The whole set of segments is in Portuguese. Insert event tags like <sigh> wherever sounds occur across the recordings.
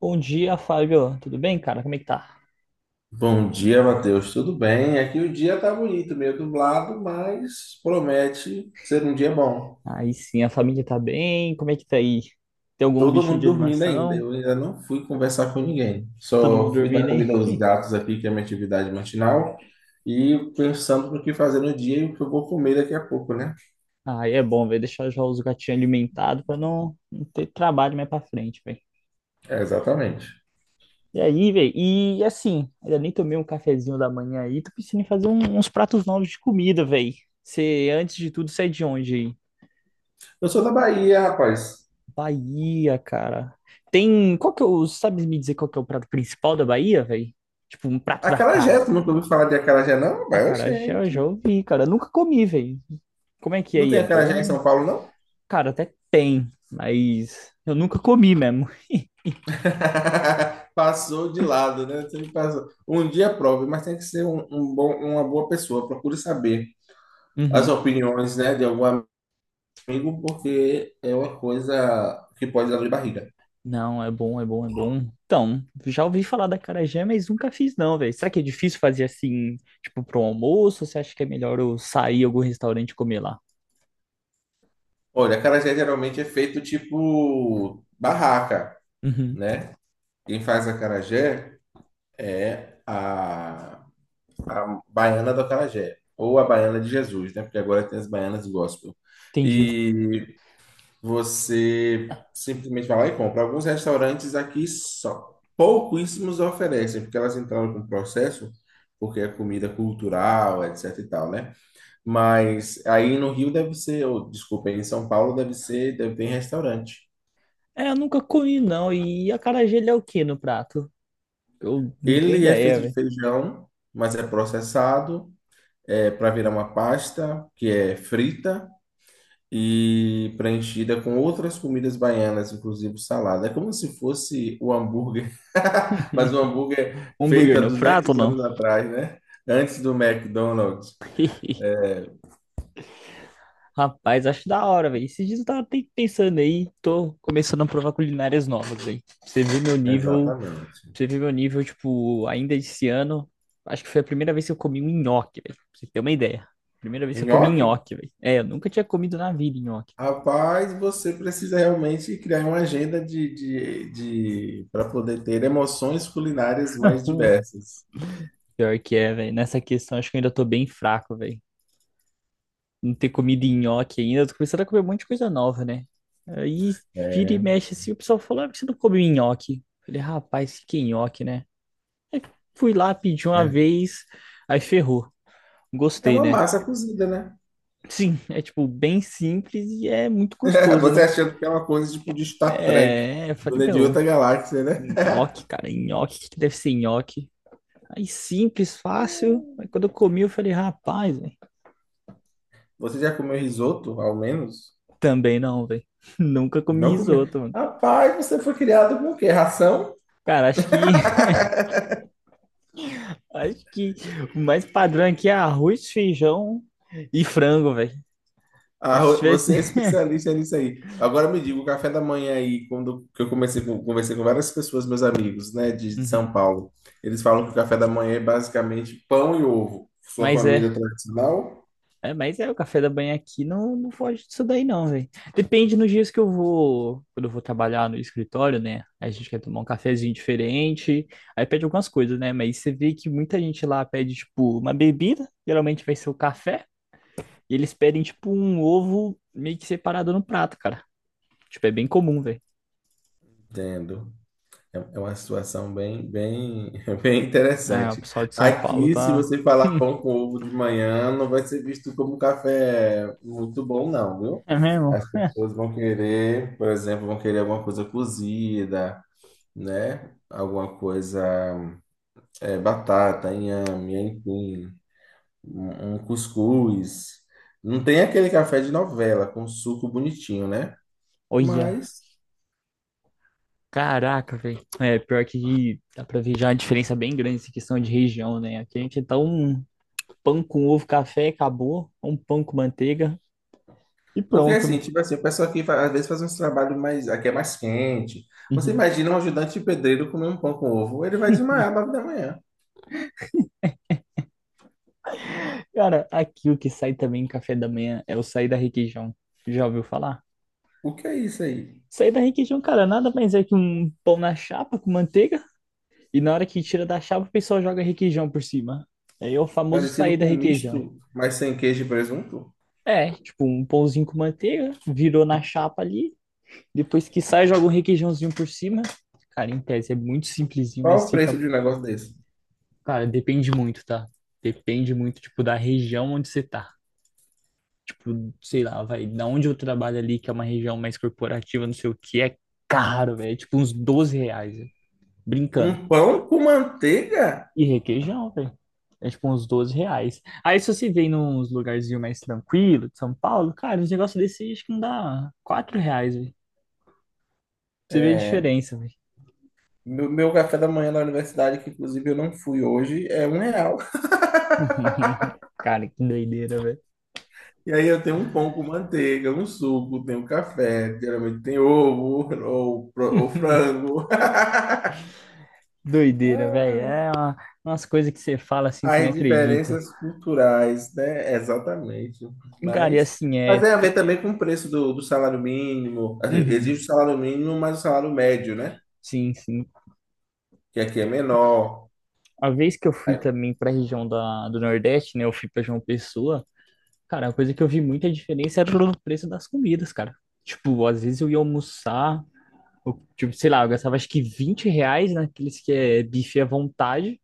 Bom dia, Fábio. Tudo bem, cara? Como é que tá? Bom dia, Matheus. Tudo bem? Aqui o dia tá bonito, meio nublado, mas promete ser um dia bom. Aí sim, a família tá bem. Como é que tá aí? Tem algum Todo bichinho mundo de dormindo ainda. animação? Eu ainda não fui conversar com ninguém. Todo Só mundo fui dar dormindo, hein? comida aos gatos aqui, que é a minha atividade matinal, e pensando no que fazer no dia e o que eu vou comer daqui a pouco, né? Aí é bom, velho. Deixar já os gatinhos alimentados pra não ter trabalho mais pra frente, velho. É, exatamente. E aí, velho? E assim, ainda nem tomei um cafezinho da manhã aí. Tô pensando em uns pratos novos de comida, velho. Você, antes de tudo, sai de onde aí? Eu sou da Bahia, rapaz. Bahia, cara. Tem. Qual que é o. Sabe me dizer qual que é o prato principal da Bahia, velho? Tipo, um prato da Acarajé, casa. tu nunca ouviu falar de acarajé, não? Mas, Acarajé eu gente, já ouvi, cara. Nunca comi, velho. Como é que é não aí? tem É acarajé em bom? São Paulo, não? Cara, até tem, mas eu nunca comi mesmo. <laughs> Passou de lado, né? Sempre passou. Um dia prove, mas tem que ser uma boa pessoa. Procure saber as Uhum. opiniões, né, de algum amigo, porque é uma coisa que pode dar dor de barriga. Não, é bom, é bom, é bom. Então, já ouvi falar da acarajé, mas nunca fiz não, velho. Será que é difícil fazer assim, tipo, pro almoço? Ou você acha que é melhor eu sair em algum restaurante e comer lá? Olha, acarajé geralmente é feito tipo barraca, Uhum. né? Quem faz acarajé é a baiana do acarajé, ou a baiana de Jesus, né? Porque agora tem as baianas gospel. Entendi. E você simplesmente vai lá e compra. Alguns restaurantes aqui só pouquíssimos oferecem, porque elas entraram com processo, porque é comida cultural, etc e tal, né? Mas aí no Rio deve ser, ou desculpa, em São Paulo deve ser, deve ter em restaurante. É, eu nunca comi não. E acarajé ele é o que no prato? Eu não tenho Ele é ideia, feito de velho. feijão, mas é processado, é para virar uma pasta que é frita e preenchida com outras comidas baianas, inclusive salada. É como se fosse o hambúrguer, <laughs> mas o hambúrguer Hambúrguer feito há no prato ou 200 não? anos atrás, né? Antes do McDonald's. Rapaz, acho da hora, velho. Esses dias eu tava até pensando aí, tô começando a provar culinárias novas, velho. Pra Você viu meu nível, pra Exatamente. Você viu meu nível, tipo, ainda esse ano. Acho que foi a primeira vez que eu comi um nhoque, velho. Pra você ter uma ideia. Primeira vez que eu comi Nhoque? nhoque, velho. É, eu nunca tinha comido na vida nhoque, velho. Rapaz, você precisa realmente criar uma agenda para poder ter emoções culinárias mais <laughs> diversas. Pior que é, velho. Nessa questão, acho que eu ainda tô bem fraco, velho. Não ter comido nhoque ainda. Eu tô começando a comer um monte de coisa nova, né? Aí vira e É mexe assim, o pessoal fala, ah, por que você não come nhoque? Eu Falei, rapaz, que nhoque, né? Aí fui lá, pedi uma é vez, aí ferrou. É Gostei, uma né? massa cozida, né? Sim, é tipo bem simples e é muito <laughs> gostoso, Você né? achando que é uma coisa tipo de Star Trek, É, eu falei, de meu, outra galáxia, né? nhoque, cara, nhoque, o que que deve ser nhoque? Aí simples, fácil. Aí quando eu comi, eu falei, rapaz, velho, Você já comeu risoto, ao menos? também não, velho. <laughs> Nunca comi Não comeu. risoto, mano. Rapaz, você foi criado com o quê? Ração? Cara, acho que <laughs> acho que o mais padrão aqui é arroz, feijão e frango, velho. Acho que se tivesse. Você é <laughs> especialista nisso aí. Agora me diga, o café da manhã aí, quando que eu comecei com, conversei com várias pessoas, meus amigos, né, de Uhum. São Paulo, eles falam que o café da manhã é basicamente pão e ovo. Sua Mas família é. é tradicional? É, mas é, o café da manhã aqui não foge disso daí não, velho. Depende nos dias que eu vou, quando eu vou trabalhar no escritório, né? A gente quer tomar um cafezinho diferente, aí pede algumas coisas, né? Mas você vê que muita gente lá pede, tipo, uma bebida, geralmente vai ser o café, e eles pedem, tipo, um ovo meio que separado no prato, cara. Tipo, é bem comum, velho. Entendo. É uma situação bem, bem, <laughs> bem É, o interessante. pessoal de São Paulo Aqui, se tá... você falar pão com ovo de manhã, não vai ser visto como um café muito bom, não, viu? É mesmo? As pessoas vão querer, por exemplo, vão querer alguma coisa cozida, né? Alguma coisa, é, batata, inhame, enfim, um cuscuz. Não tem aquele café de novela com suco bonitinho, né? Olha, Mas caraca, velho. É, pior que dá pra ver já a diferença bem grande essa questão de região, né? Aqui a gente é tão pão com ovo, café, acabou. Um pão com manteiga e Porque pronto, assim, né? tipo assim, o pessoal aqui às vezes faz uns trabalhos mais, aqui é mais quente. Você Uhum. imagina um ajudante de pedreiro comer um pão com ovo, ele vai desmaiar às 9 da manhã. Cara, aqui o que sai também em café da manhã é o sair da requeijão. Já ouviu falar? O que é isso aí? Sair da requeijão, cara, nada mais é que um pão na chapa com manteiga e na hora que tira da chapa o pessoal joga requeijão por cima. Aí é o famoso Parecido sair da com um requeijão. misto, mas sem queijo e presunto? É, tipo, um pãozinho com manteiga, virou na chapa ali, depois que sai joga um requeijãozinho por cima. Cara, em tese é muito simplesinho, Qual mas o fica. preço de um negócio desse? Cara, depende muito, tá? Depende muito, tipo, da região onde você tá. Tipo, sei lá, vai, da onde eu trabalho ali, que é uma região mais corporativa, não sei o que, é caro, velho. É tipo uns R$ 12, velho. Brincando. Um pão com manteiga? E requeijão, velho. É tipo uns 12 reais. Aí se você vem nos lugarzinhos mais tranquilo de São Paulo, cara, uns negócios desse acho que não dá R$ 4, velho. Você vê a É, diferença, velho. meu café da manhã na universidade, que inclusive eu não fui hoje, é R$ 1. <laughs> Cara, que doideira, velho. E aí eu tenho um pão com manteiga, um suco, tenho café, geralmente tem ovo ou, ou <laughs> frango. <laughs> Doideira, velho. É umas coisas que você fala assim, você nem As acredita. diferenças culturais, né? Exatamente. Cara, e Mas, assim, mas é. tem a ver também com o preço do salário mínimo. Assim, Uhum. existe o salário mínimo, mas o salário médio, né? Sim, sim. Que aqui é menor. A vez que eu fui Aí, também pra região da, do Nordeste, né? Eu fui pra João Pessoa. Cara, a coisa que eu vi muita diferença era o preço das comidas, cara. Tipo, às vezes eu ia almoçar, eu, tipo, sei lá, eu gastava acho que R$ 20 naqueles que é bife à vontade.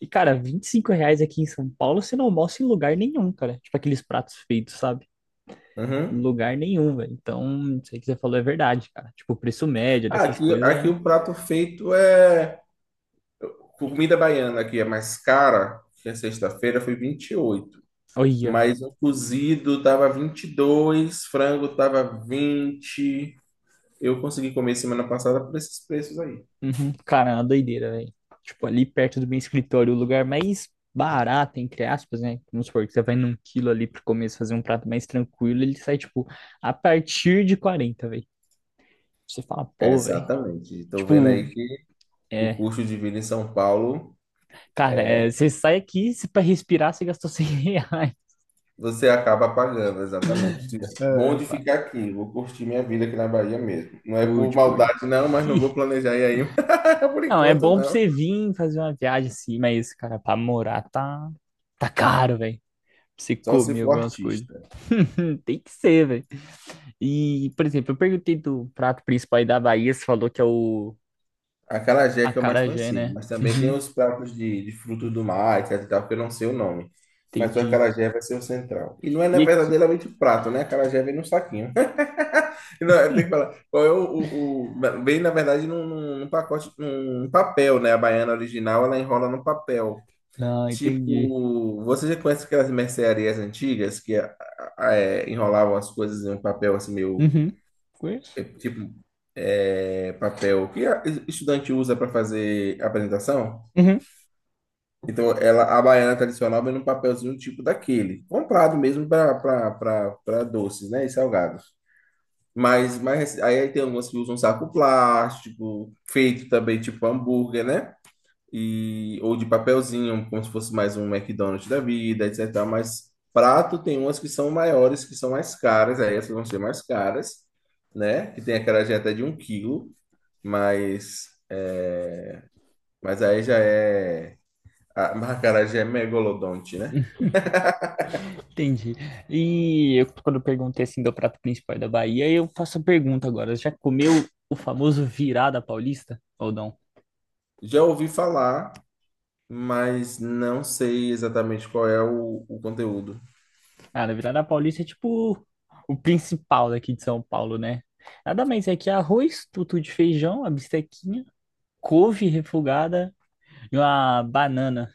E, cara, R$ 25 aqui em São Paulo você não almoça em lugar nenhum, cara. Tipo, aqueles pratos feitos, sabe? uhum. Lugar nenhum, velho. Então, isso aí que você falou é verdade, cara. Tipo, o preço médio Ah, dessas Aqui, coisas aqui é. o prato feito é comida baiana, aqui é mais cara, que é sexta-feira foi 28. Olha. Mas o cozido tava 22, frango tava 20. Eu consegui comer semana passada por esses preços aí. Uhum. Cara, é uma doideira, velho. Tipo, ali perto do meu escritório, o lugar mais barato, entre aspas, né? Vamos supor que você vai num quilo ali pro começo fazer um prato mais tranquilo, ele sai, tipo, a partir de 40 velho. Você fala, pô, velho. Exatamente. Estou vendo Tipo, aí o é. custo de vida em São Paulo Cara, é, é você sai aqui, se pra respirar, você gastou <laughs> R$ 100. você acaba pagando, exatamente. É, Bom de pá. ficar aqui, vou curtir minha vida aqui na Bahia mesmo. Não é por Curte, curte. maldade, não, mas não vou <laughs> planejar ir aí <laughs> por Não, é enquanto, bom pra não. você vir fazer uma viagem assim, mas, cara, pra morar tá caro, velho. Pra você Só se comer for algumas coisas. artista. <laughs> Tem que ser, velho. E, por exemplo, eu perguntei do prato principal aí da Bahia, você falou que é o Acarajé que é o mais acarajé, conhecido, né? mas também tem Uhum, os <laughs> pratos de frutos do mar, etc e tal, que eu não sei o nome. Mas o entendi. acarajé vai ser o central. E não é né, E aqui? verdadeiramente prato, né? Acarajé vem num saquinho. Não, eu tenho que falar. Qual é o- na- Vem, na verdade, num pacote, num papel, né? A baiana original, ela enrola no papel. Não, entendi. Tipo, você já conhece aquelas mercearias antigas que é, enrolavam as coisas em um papel assim meio, Uhum. Conheço. é, tipo, é, papel que estudante usa para fazer apresentação? Uhum, Então, ela, a baiana tradicional vem num papelzinho tipo daquele, comprado mesmo para doces, né? E salgados. Mas, aí tem algumas que usam saco plástico, feito também tipo hambúrguer, né? E, ou de papelzinho, como se fosse mais um McDonald's da vida, etc. Mas prato tem umas que são maiores, que são mais caras, aí essas vão ser mais caras, né? Que tem aquela até de um quilo, mas, é, mas aí já é. A <laughs> a acarajé é megalodonte, né? entendi. E eu, quando eu perguntei assim do prato principal da Bahia, eu faço a pergunta agora. Já comeu o famoso virada paulista? Ou não? Já ouvi falar, mas não sei exatamente qual é o conteúdo. Ah, a virada paulista é tipo o principal daqui de São Paulo, né? Nada mais é que arroz, tutu de feijão, a bistequinha, couve refogada e uma banana.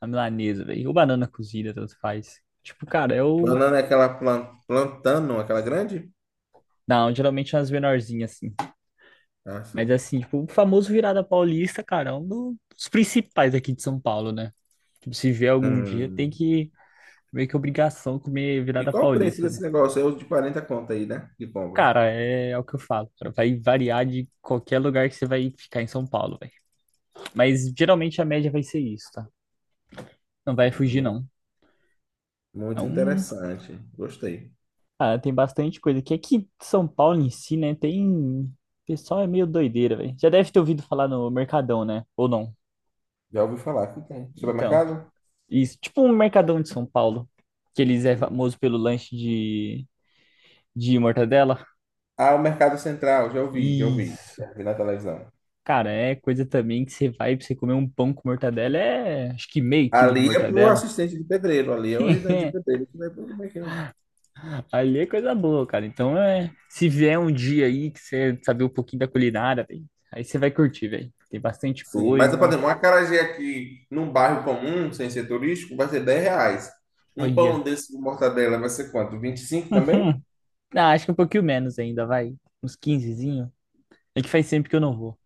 A milanesa, velho. Ou banana cozida, tanto faz. Tipo, cara, eu. Banana é aquela plantano, aquela grande? Não, geralmente é umas menorzinhas, assim. Ah, Mas sim. assim, tipo, o famoso virada paulista, cara, é dos principais aqui de São Paulo, né? Tipo, se vier algum dia, tem Hum. que. Meio que obrigação comer E virada qual o preço paulista, né? desse negócio? É o de 40 conto aí, né? Que compra. Cara, é, é o que eu falo. Cara. Vai variar de qualquer lugar que você vai ficar em São Paulo, velho. Mas geralmente a média vai ser isso, tá? Não vai fugir, Hum, não. Muito Então, interessante. Gostei. ah, tem bastante coisa aqui. Aqui em São Paulo em si, né? Tem. O pessoal é meio doideira, velho. Já deve ter ouvido falar no Mercadão, né? Ou não? Já ouvi falar que tem. Então, Supermercado? isso. Tipo um Mercadão de São Paulo. Que eles é Sim. famoso pelo lanche de mortadela. Ah, o Mercado Central. Já ouvi, já ouvi. Isso. Já vi na televisão. Cara, é coisa também que você vai pra você comer um pão com mortadela. É acho que meio quilo de Ali é pro mortadela. assistente de pedreiro. Ali é o ajudante de <laughs> pedreiro que vai pro mercado. Ali é coisa boa, cara. Então é. Se vier um dia aí que você saber um pouquinho da culinária, velho. Aí você vai curtir, velho. Tem bastante Sim, mas, por coisa. exemplo, um acarajé aqui num bairro comum, sem ser turístico, vai ser R$ 10. Um pão Olha. desse de mortadela vai ser quanto? 25 <laughs> também? Hum, ah, acho que um pouquinho menos ainda, vai. Uns quinzezinho. É que faz sempre que eu não vou.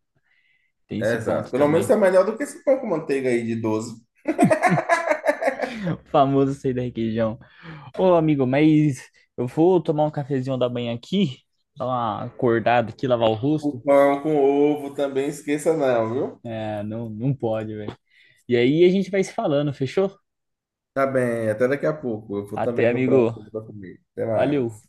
Tem É, esse exato. ponto Pelo menos é também. melhor <laughs> do que esse pão com manteiga aí de 12. O famoso sair da requeijão. Ô, amigo, mas eu vou tomar um cafezinho da manhã aqui, dar uma acordada aqui, lavar o O rosto. pão com ovo também, esqueça não, viu? É, não, não pode, velho. E aí a gente vai se falando, fechou? Tá bem, até daqui a pouco. Eu vou Até, também procurar alguma amigo. coisa para comer. Até Valeu. mais.